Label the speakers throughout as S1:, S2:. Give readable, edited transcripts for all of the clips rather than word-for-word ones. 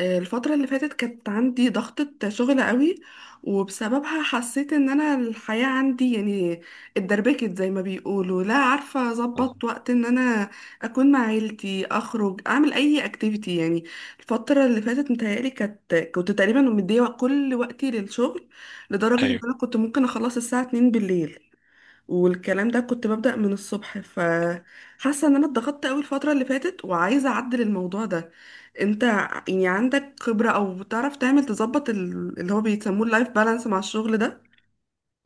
S1: الفترة اللي فاتت كانت عندي ضغطة شغل قوي، وبسببها حسيت ان انا الحياة عندي يعني اتدربكت، زي ما بيقولوا، لا عارفة اظبط وقت ان انا اكون مع عيلتي، اخرج، اعمل اي اكتيفيتي. يعني الفترة اللي فاتت متهيألي كنت تقريبا مدية كل وقتي للشغل، لدرجة ان
S2: ايوه،
S1: انا كنت ممكن اخلص الساعة 2 بالليل. والكلام ده كنت ببدأ من الصبح، فحاسة ان انا اتضغطت قوي الفترة اللي فاتت وعايزة اعدل الموضوع ده. انت يعني عندك خبرة او بتعرف تعمل تظبط اللي هو بيسموه اللايف بالانس مع الشغل ده؟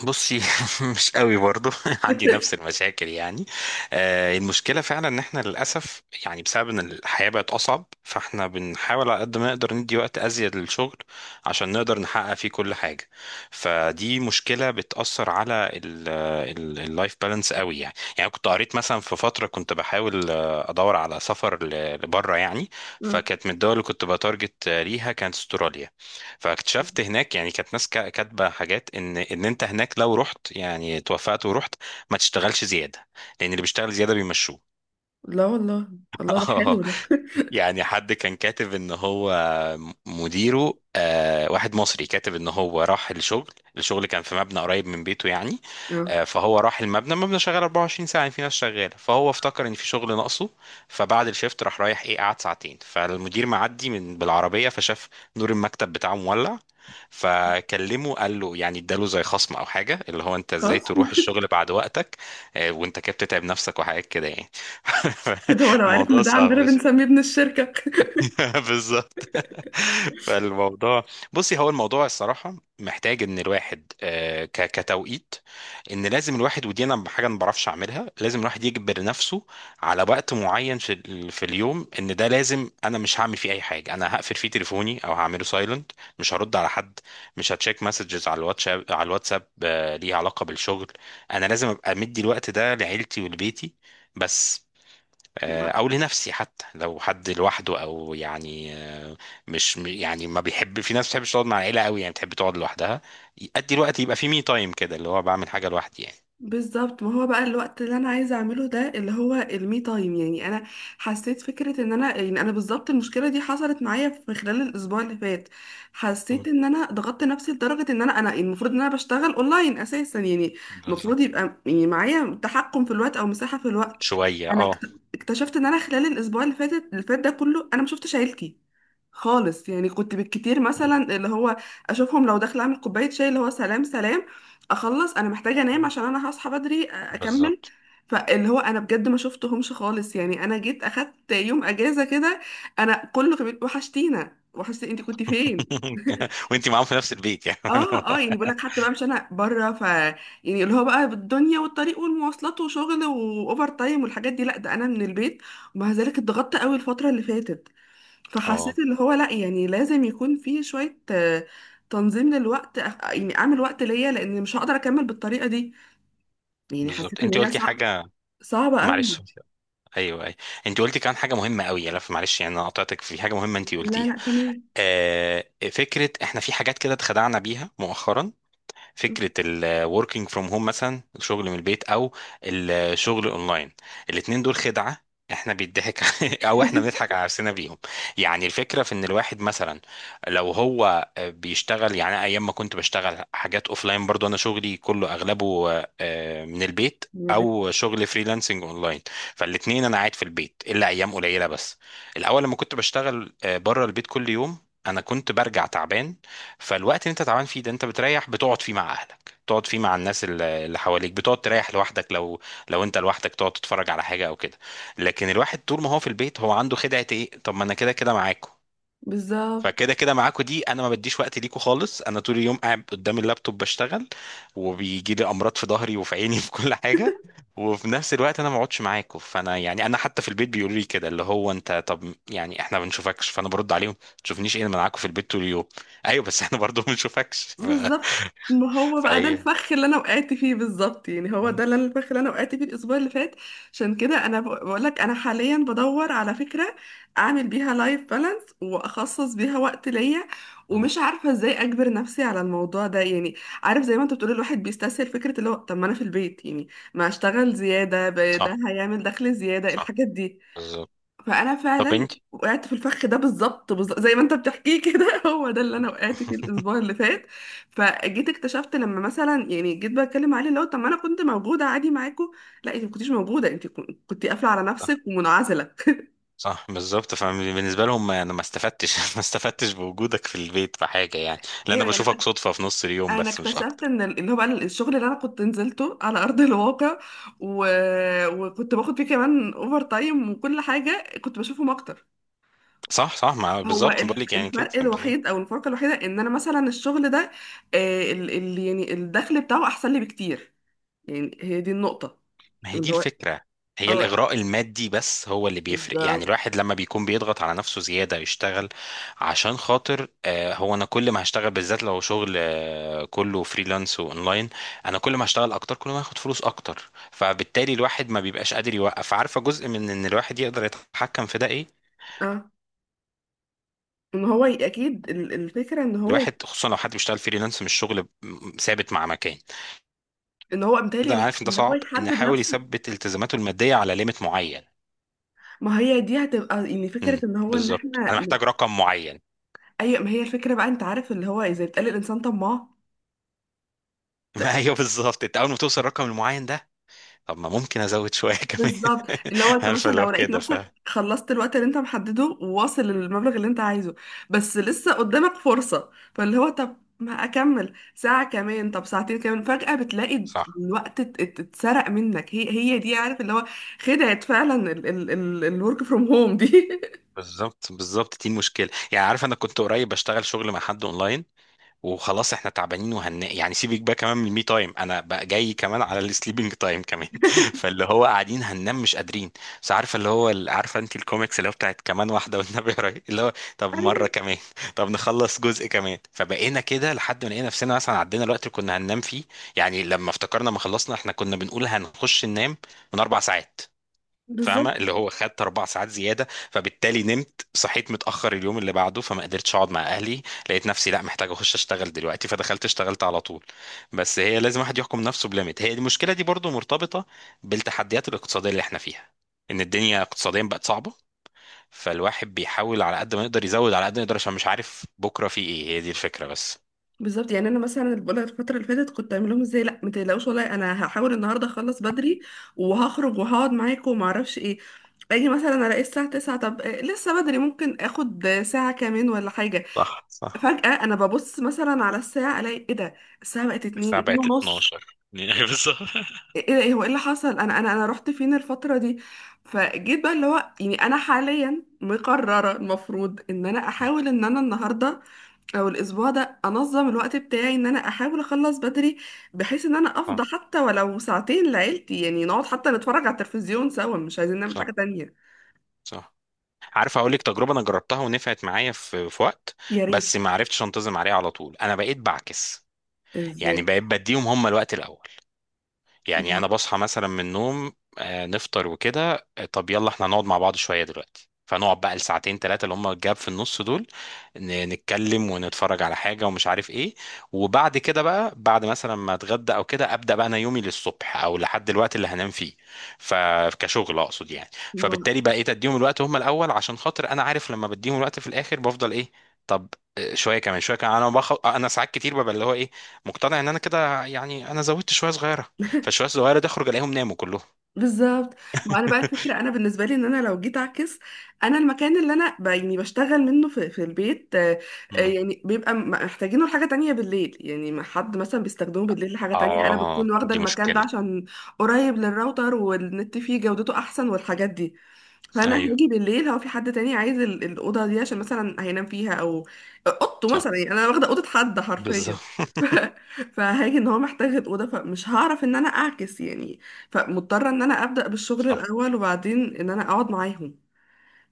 S2: بصي. مش قوي برضو. عندي نفس المشاكل، يعني. المشكله فعلا ان احنا، للاسف، يعني بسبب ان الحياه بقت اصعب، فاحنا بنحاول على قد ما نقدر ندي وقت ازيد للشغل عشان نقدر نحقق فيه كل حاجه. فدي مشكله بتاثر على اللايف بالانس قوي، يعني كنت قريت مثلا في فتره كنت بحاول، ادور على سفر لبره، يعني.
S1: آه.
S2: فكانت من الدول اللي كنت بتارجت، ليها، كانت استراليا. فاكتشفت هناك يعني كانت ناس كاتبه حاجات ان انت هناك لو رحت يعني توفقت ورحت ما تشتغلش زياده، لان اللي بيشتغل زياده بيمشوه.
S1: لا والله، الله ده حلو ده.
S2: يعني حد كان كاتب ان هو مديره، واحد مصري، كاتب ان هو راح الشغل. الشغل كان في مبنى قريب من بيته، يعني.
S1: اه،
S2: فهو راح المبنى شغال 24 ساعة، يعني في ناس شغالة، فهو افتكر ان في شغل ناقصه. فبعد الشفت راح، رايح ايه، قعد ساعتين. فالمدير معدي من بالعربية فشاف نور المكتب بتاعه مولع، فكلمه، قال له يعني اداله زي خصم او حاجة، اللي هو انت ازاي
S1: خلاص.
S2: تروح الشغل بعد وقتك؟ وانت كده بتتعب نفسك، وحاجات كده، يعني.
S1: ده هو لو عارف ان
S2: الموضوع
S1: ده
S2: صعب.
S1: عندنا بنسميه ابن الشركة.
S2: بالظبط. فالموضوع، بصي، هو الموضوع الصراحة محتاج ان الواحد، كتوقيت، ان لازم الواحد، ودي انا حاجة ما بعرفش اعملها، لازم الواحد يجبر نفسه على وقت معين في في اليوم، ان ده لازم انا مش هعمل فيه اي حاجة، انا هقفل فيه تليفوني او هعمله سايلنت، مش هرد على حد، مش هتشيك مسجز على الواتساب ليها علاقة بالشغل. انا لازم ابقى مدي الوقت ده لعيلتي ولبيتي بس. او لنفسي، حتى لو حد لوحده، او يعني مش يعني، ما بيحب، في ناس ما بتحبش تقعد مع العيله قوي، يعني بتحب تقعد لوحدها. ادي الوقت يبقى في مي تايم، كده اللي هو بعمل حاجه لوحدي، يعني.
S1: بالظبط. ما هو بقى الوقت اللي انا عايزه اعمله ده اللي هو المي تايم. يعني انا حسيت فكره ان انا، يعني انا بالظبط المشكله دي حصلت معايا في خلال الاسبوع اللي فات. حسيت
S2: مم.
S1: ان انا ضغطت نفسي لدرجه ان انا يعني المفروض ان انا بشتغل اونلاين اساسا. يعني
S2: بالظبط.
S1: المفروض يبقى يعني معايا تحكم في الوقت او مساحه في الوقت.
S2: شويه،
S1: انا
S2: اه.
S1: اكتشفت ان انا خلال الاسبوع اللي فات ده كله انا ما شفتش عيلتي خالص. يعني كنت بالكتير مثلا اللي هو اشوفهم لو داخله اعمل كوبايه شاي، اللي هو سلام سلام، اخلص، انا محتاجه انام
S2: مم.
S1: عشان انا هصحى بدري اكمل.
S2: بالظبط.
S1: فاللي هو انا بجد ما شفتهمش خالص. يعني انا جيت اخدت يوم اجازه كده، انا كله كان بيقول وحشتينا، وحشتي، انت كنت فين؟
S2: وانتي معاهم في نفس البيت، يعني.
S1: اه اه، يعني بقول لك حتى بقى مش انا بره. ف يعني اللي هو بقى بالدنيا والطريق والمواصلات وشغل واوفر تايم والحاجات دي، لا ده انا من البيت، ومع ذلك اتضغطت قوي الفتره اللي فاتت.
S2: اه،
S1: فحسيت اللي هو لا، يعني لازم يكون في شويه تنظيم للوقت. يعني اعمل وقت ليا، لان مش هقدر اكمل بالطريقه دي. يعني
S2: بالظبط.
S1: حسيت ان
S2: انت
S1: هي
S2: قلتي
S1: صعبة،
S2: حاجه،
S1: صعبة قوي.
S2: معلش. ايوه، ايوه، انت قلتي كان حاجه مهمه قوي، يا لف، معلش، يعني انا قطعتك في حاجه مهمه انت
S1: لا
S2: قلتيها.
S1: لا، تمام.
S2: آه فكره، احنا في حاجات كده اتخدعنا بيها مؤخرا، فكره الوركينج فروم هوم مثلا، الشغل من البيت او الشغل اونلاين، الاتنين دول خدعه. احنا بيضحك او احنا بنضحك على نفسنا بيهم، يعني. الفكره في ان الواحد مثلا، لو هو بيشتغل، يعني أنا ايام ما كنت بشتغل حاجات اوفلاين برضو انا شغلي كله اغلبه من البيت، او شغل فريلانسنج اونلاين، فالاثنين انا قاعد في البيت الا ايام قليله بس. الاول لما كنت بشتغل بره البيت كل يوم انا كنت برجع تعبان. فالوقت اللي انت تعبان فيه ده انت بتريح، بتقعد فيه مع اهلك، بتقعد فيه مع الناس اللي حواليك، بتقعد تريح لوحدك، لو انت لوحدك تقعد تتفرج على حاجه او كده. لكن الواحد طول ما هو في البيت هو عنده خدعه ايه؟ طب ما انا كده كده معاكم.
S1: بالظبط،
S2: فكده كده معاكوا دي، انا ما بديش وقت ليكوا خالص. انا طول اليوم قاعد قدام اللابتوب بشتغل، وبيجي لي امراض في ظهري وفي عيني في كل حاجه. وفي نفس الوقت انا ما اقعدش معاكوا. فانا يعني انا حتى في البيت بيقولوا لي كده، اللي هو انت طب يعني احنا ما بنشوفكش. فانا برد عليهم: ما تشوفنيش ايه؟ انا معاكوا في البيت طول اليوم. ايوه، بس احنا برضو ما بنشوفكش ف...
S1: بالظبط. ما هو بقى ده
S2: فهي
S1: الفخ اللي انا وقعت فيه بالظبط. يعني هو
S2: م-
S1: ده اللي الفخ اللي انا وقعت فيه الاسبوع اللي فات. عشان كده انا بقول لك انا حاليا بدور على فكرة اعمل بيها لايف بالانس واخصص بيها وقت ليا،
S2: م.
S1: ومش عارفة ازاي اجبر نفسي على الموضوع ده. يعني عارف زي ما انت بتقول، الواحد بيستسهل فكرة اللي هو طب ما انا في البيت، يعني ما اشتغل زيادة ده
S2: صح،
S1: هيعمل دخل زيادة،
S2: صح،
S1: الحاجات دي.
S2: بالظبط.
S1: فانا
S2: طب
S1: فعلا
S2: انت.
S1: وقعت في الفخ ده بالظبط، بالظبط زي ما انت بتحكيه كده. هو ده اللي انا وقعت فيه الاسبوع اللي فات. فجيت اكتشفت لما مثلا، يعني جيت بتكلم عليه اللي هو طب ما انا كنت موجوده عادي معاكم، لا انت ما كنتيش موجوده، انت كنت قافله على نفسك ومنعزله.
S2: صح، بالظبط، فبالنسبه لهم انا ما استفدتش ما استفدتش بوجودك في البيت في حاجه، يعني، لان
S1: ايوه.
S2: انا
S1: يعني
S2: بشوفك
S1: انا
S2: صدفه في نص اليوم
S1: انا
S2: بس، مش
S1: اكتشفت
S2: اكتر.
S1: ان اللي هو بقى الشغل اللي انا كنت نزلته على ارض الواقع و... وكنت باخد فيه كمان اوفر تايم، وكل حاجه كنت بشوفهم اكتر.
S2: صح، صح، مع،
S1: هو
S2: بالظبط، بقول لك يعني كده
S1: الفرق
S2: بالظبط.
S1: الوحيد او الفرق الوحيده ان انا مثلا الشغل ده ال يعني الدخل بتاعه احسن لي بكتير. يعني هي دي النقطه
S2: ما هي دي
S1: اللي هو،
S2: الفكره، هي
S1: اه
S2: الاغراء المادي بس هو اللي بيفرق، يعني
S1: بالظبط.
S2: الواحد لما بيكون بيضغط على نفسه زياده يشتغل عشان خاطر هو انا كل ما هشتغل، بالذات لو شغل كله فريلانس واونلاين، انا كل ما هشتغل اكتر كل ما هاخد فلوس اكتر، فبالتالي الواحد ما بيبقاش قادر يوقف. عارفه جزء من ان الواحد يقدر يتحكم في ده ايه؟
S1: اه، ان هو اكيد الفكره ان هو
S2: الواحد، خصوصا لو حد بيشتغل فريلانس مش شغل ثابت مع مكان
S1: ان هو بالتالي
S2: كده، انا عارف ان ده
S1: ان هو
S2: صعب، ان
S1: يحدد
S2: يحاول
S1: نفسه.
S2: يثبت التزاماته الماديه على ليميت معين.
S1: ما هي دي هتبقى يعني فكره
S2: امم
S1: ان هو ان
S2: بالظبط،
S1: احنا،
S2: انا محتاج رقم معين.
S1: اي ما هي الفكره بقى. انت عارف اللي هو اذا بيتقال الانسان طماع.
S2: ما ايوه، بالظبط، انت اول ما توصل الرقم المعين ده، طب ما ممكن ازود شويه كمان.
S1: بالظبط، اللي هو انت
S2: عارفه،
S1: مثلا
S2: لو
S1: لو لقيت
S2: كده، ف...
S1: نفسك خلصت الوقت اللي انت محدده وواصل للمبلغ اللي انت عايزه، بس لسه قدامك فرصة، فاللي هو طب ما اكمل ساعة كمان، طب ساعتين كمان، فجأة بتلاقي
S2: صح،
S1: الوقت اتسرق منك. هي دي، عارف اللي هو، خدعت فعلا الورك فروم هوم دي.
S2: بالظبط، بالظبط، دي المشكله، يعني. عارف، انا كنت قريب بشتغل شغل مع حد اونلاين، وخلاص احنا تعبانين وهن، يعني سيبك بقى كمان من المي تايم، انا بقى جاي كمان على السليبنج تايم كمان فاللي هو قاعدين هننام مش قادرين، بس عارفه اللي هو عارفه انت الكوميكس اللي هو بتاعت، كمان واحده والنبي، رايح اللي هو طب مره
S1: ايوه
S2: كمان طب نخلص جزء كمان، فبقينا كده لحد ما لقينا نفسنا مثلا عدينا الوقت اللي كنا هننام فيه. يعني لما افتكرنا ما خلصنا، احنا كنا بنقول هنخش ننام من 4 ساعات.
S1: بالظبط،
S2: فاهمه اللي هو خدت 4 ساعات زياده. فبالتالي نمت صحيت متاخر اليوم اللي بعده، فما قدرتش اقعد مع اهلي، لقيت نفسي لا محتاج اخش اشتغل دلوقتي، فدخلت اشتغلت على طول. بس هي لازم واحد يحكم نفسه بليميت. هي المشكله دي برضو مرتبطه بالتحديات الاقتصاديه اللي احنا فيها، ان الدنيا اقتصاديا بقت صعبه، فالواحد بيحاول على قد ما يقدر يزود على قد ما يقدر عشان مش عارف بكره في ايه. هي دي الفكره بس.
S1: بالظبط. يعني انا مثلا اللي بقولك الفتره اللي فاتت كنت اعمل لهم ازاي، لا ما تقلقوش، والله انا هحاول النهارده اخلص بدري وهخرج وهقعد معاكم وما اعرفش ايه. اجي مثلا الاقي الساعه 9، طب لسه بدري، ممكن اخد ساعه كمان ولا حاجه.
S2: صح، صح.
S1: فجاه انا ببص مثلا على الساعه، الاقي ايه ده، الساعه بقت 2،
S2: الساعه
S1: 2
S2: بقت
S1: ونص.
S2: 12. بالظبط.
S1: ايه ده، ايه هو، ايه اللي حصل، انا رحت فين الفتره دي؟ فجيت بقى اللي هو، يعني انا حاليا مقرره المفروض ان انا احاول ان انا النهارده او الاسبوع ده انظم الوقت بتاعي، ان انا احاول اخلص بدري، بحيث ان انا
S2: صح،
S1: افضى حتى ولو ساعتين لعيلتي. يعني نقعد حتى نتفرج على التلفزيون سوا، مش عايزين نعمل حاجة
S2: صح،
S1: تانية.
S2: صح. عارف اقول لك تجربه انا جربتها ونفعت معايا في وقت،
S1: يا ريت.
S2: بس ما عرفتش انتظم عليها على طول. انا بقيت بعكس، يعني
S1: ازاي؟
S2: بقيت بديهم هم الوقت الاول. يعني انا
S1: ما
S2: بصحى مثلا من النوم نفطر وكده، طب يلا احنا نقعد مع بعض شويه دلوقتي، فنقعد بقى الساعتين ثلاثه اللي هم الجاب في النص دول، نتكلم ونتفرج على حاجه ومش عارف ايه. وبعد كده بقى، بعد مثلا ما اتغدى او كده، ابدا بقى انا يومي للصبح او لحد الوقت اللي هنام فيه، فكشغل اقصد، يعني.
S1: ما
S2: فبالتالي بقى ايه، تديهم الوقت هم الاول، عشان خاطر انا عارف لما بديهم الوقت في الاخر بفضل ايه، طب شويه كمان، شويه كمان، انا ساعات كتير ببقى اللي هو ايه، مقتنع ان انا كده، يعني انا زودت شويه صغيره. فالشوية الصغيرة دي اخرج الاقيهم ناموا كلهم.
S1: بالظبط. ما انا بقى الفكره انا بالنسبه لي ان انا لو جيت اعكس، انا المكان اللي انا يعني بشتغل منه في البيت،
S2: مم.
S1: يعني بيبقى محتاجينه لحاجه تانية بالليل. يعني ما حد مثلا بيستخدمه بالليل لحاجه تانية، انا
S2: اه،
S1: بكون واخده
S2: دي
S1: المكان ده
S2: مشكلة.
S1: عشان قريب للراوتر، والنت فيه جودته احسن، والحاجات دي. فانا
S2: ايوه،
S1: هاجي بالليل، هو في حد تاني عايز الاوضه دي عشان مثلا هينام فيها، او اوضته
S2: صح،
S1: مثلا، يعني انا واخده اوضه حد
S2: بالظبط.
S1: حرفيا. ف- فهاجي ان هو محتاج الاوضه، فمش هعرف ان انا اعكس يعني. فمضطره ان انا ابدا بالشغل
S2: صح،
S1: الاول وبعدين ان انا اقعد معاهم.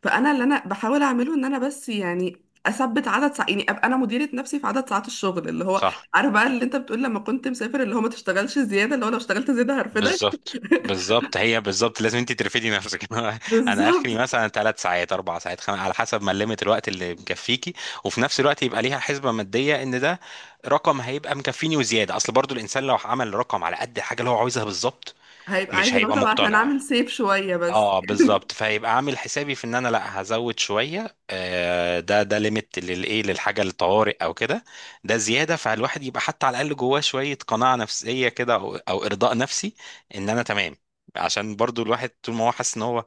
S1: فانا اللي انا بحاول اعمله ان انا بس يعني اثبت عدد ساعات، يعني ابقى انا مديره نفسي في عدد ساعات الشغل، اللي هو
S2: صح،
S1: عارف بقى اللي انت بتقول لما كنت مسافر اللي هو ما تشتغلش زياده، اللي هو لو اشتغلت زياده هرفدك.
S2: بالظبط، بالظبط، هي بالظبط، لازم انت ترفدي نفسك. انا
S1: بالظبط،
S2: اخري مثلا 3 ساعات، اربع ساعات، خمس، على حسب ما ليميت الوقت اللي مكفيكي، وفي نفس الوقت يبقى ليها حسبه ماديه ان ده رقم هيبقى مكفيني وزياده، اصل برضو الانسان لو عمل رقم على قد الحاجه اللي هو عاوزها بالظبط،
S1: هيبقى
S2: مش
S1: عايز اللي هو
S2: هيبقى
S1: طب عشان
S2: مقتنع.
S1: اعمل سيف شويه بس.
S2: اه، بالظبط، فهيبقى عامل حسابي في ان انا لا، هزود شويه ده ليميت للايه، للحاجه الطوارئ او كده، ده زياده. فالواحد يبقى حتى على الاقل جواه شويه قناعه نفسيه كده، او ارضاء نفسي ان انا تمام، عشان برضو الواحد طول ما هو حاسس ان هو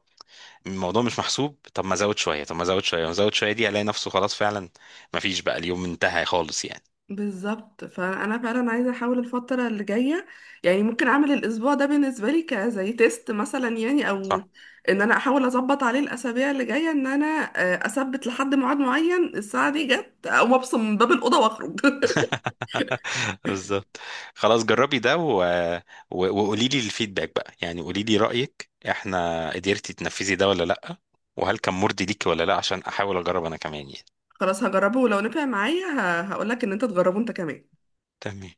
S2: الموضوع مش محسوب، طب ما ازود شويه طب ما ازود شويه ما ازود شويه دي، الاقي نفسه خلاص فعلا ما فيش بقى، اليوم انتهى خالص، يعني.
S1: بالظبط، فانا فعلا عايزه احاول الفتره اللي جايه، يعني ممكن اعمل الاسبوع ده بالنسبه لي كزي تيست مثلا، يعني او ان انا احاول اظبط عليه الاسابيع اللي جايه، ان انا اثبت لحد ميعاد معين الساعه دي جت اقوم ابصم من باب الاوضه واخرج.
S2: بالظبط، خلاص جربي ده وقولي لي الفيدباك بقى، يعني قولي لي رأيك، احنا قدرتي تنفذي ده ولا لأ، وهل كان مرضي ليكي ولا لأ، عشان احاول اجرب انا كمان، يعني.
S1: خلاص هجربه، ولو نفع معايا هقول لك ان انت تجربه انت كمان.
S2: تمام.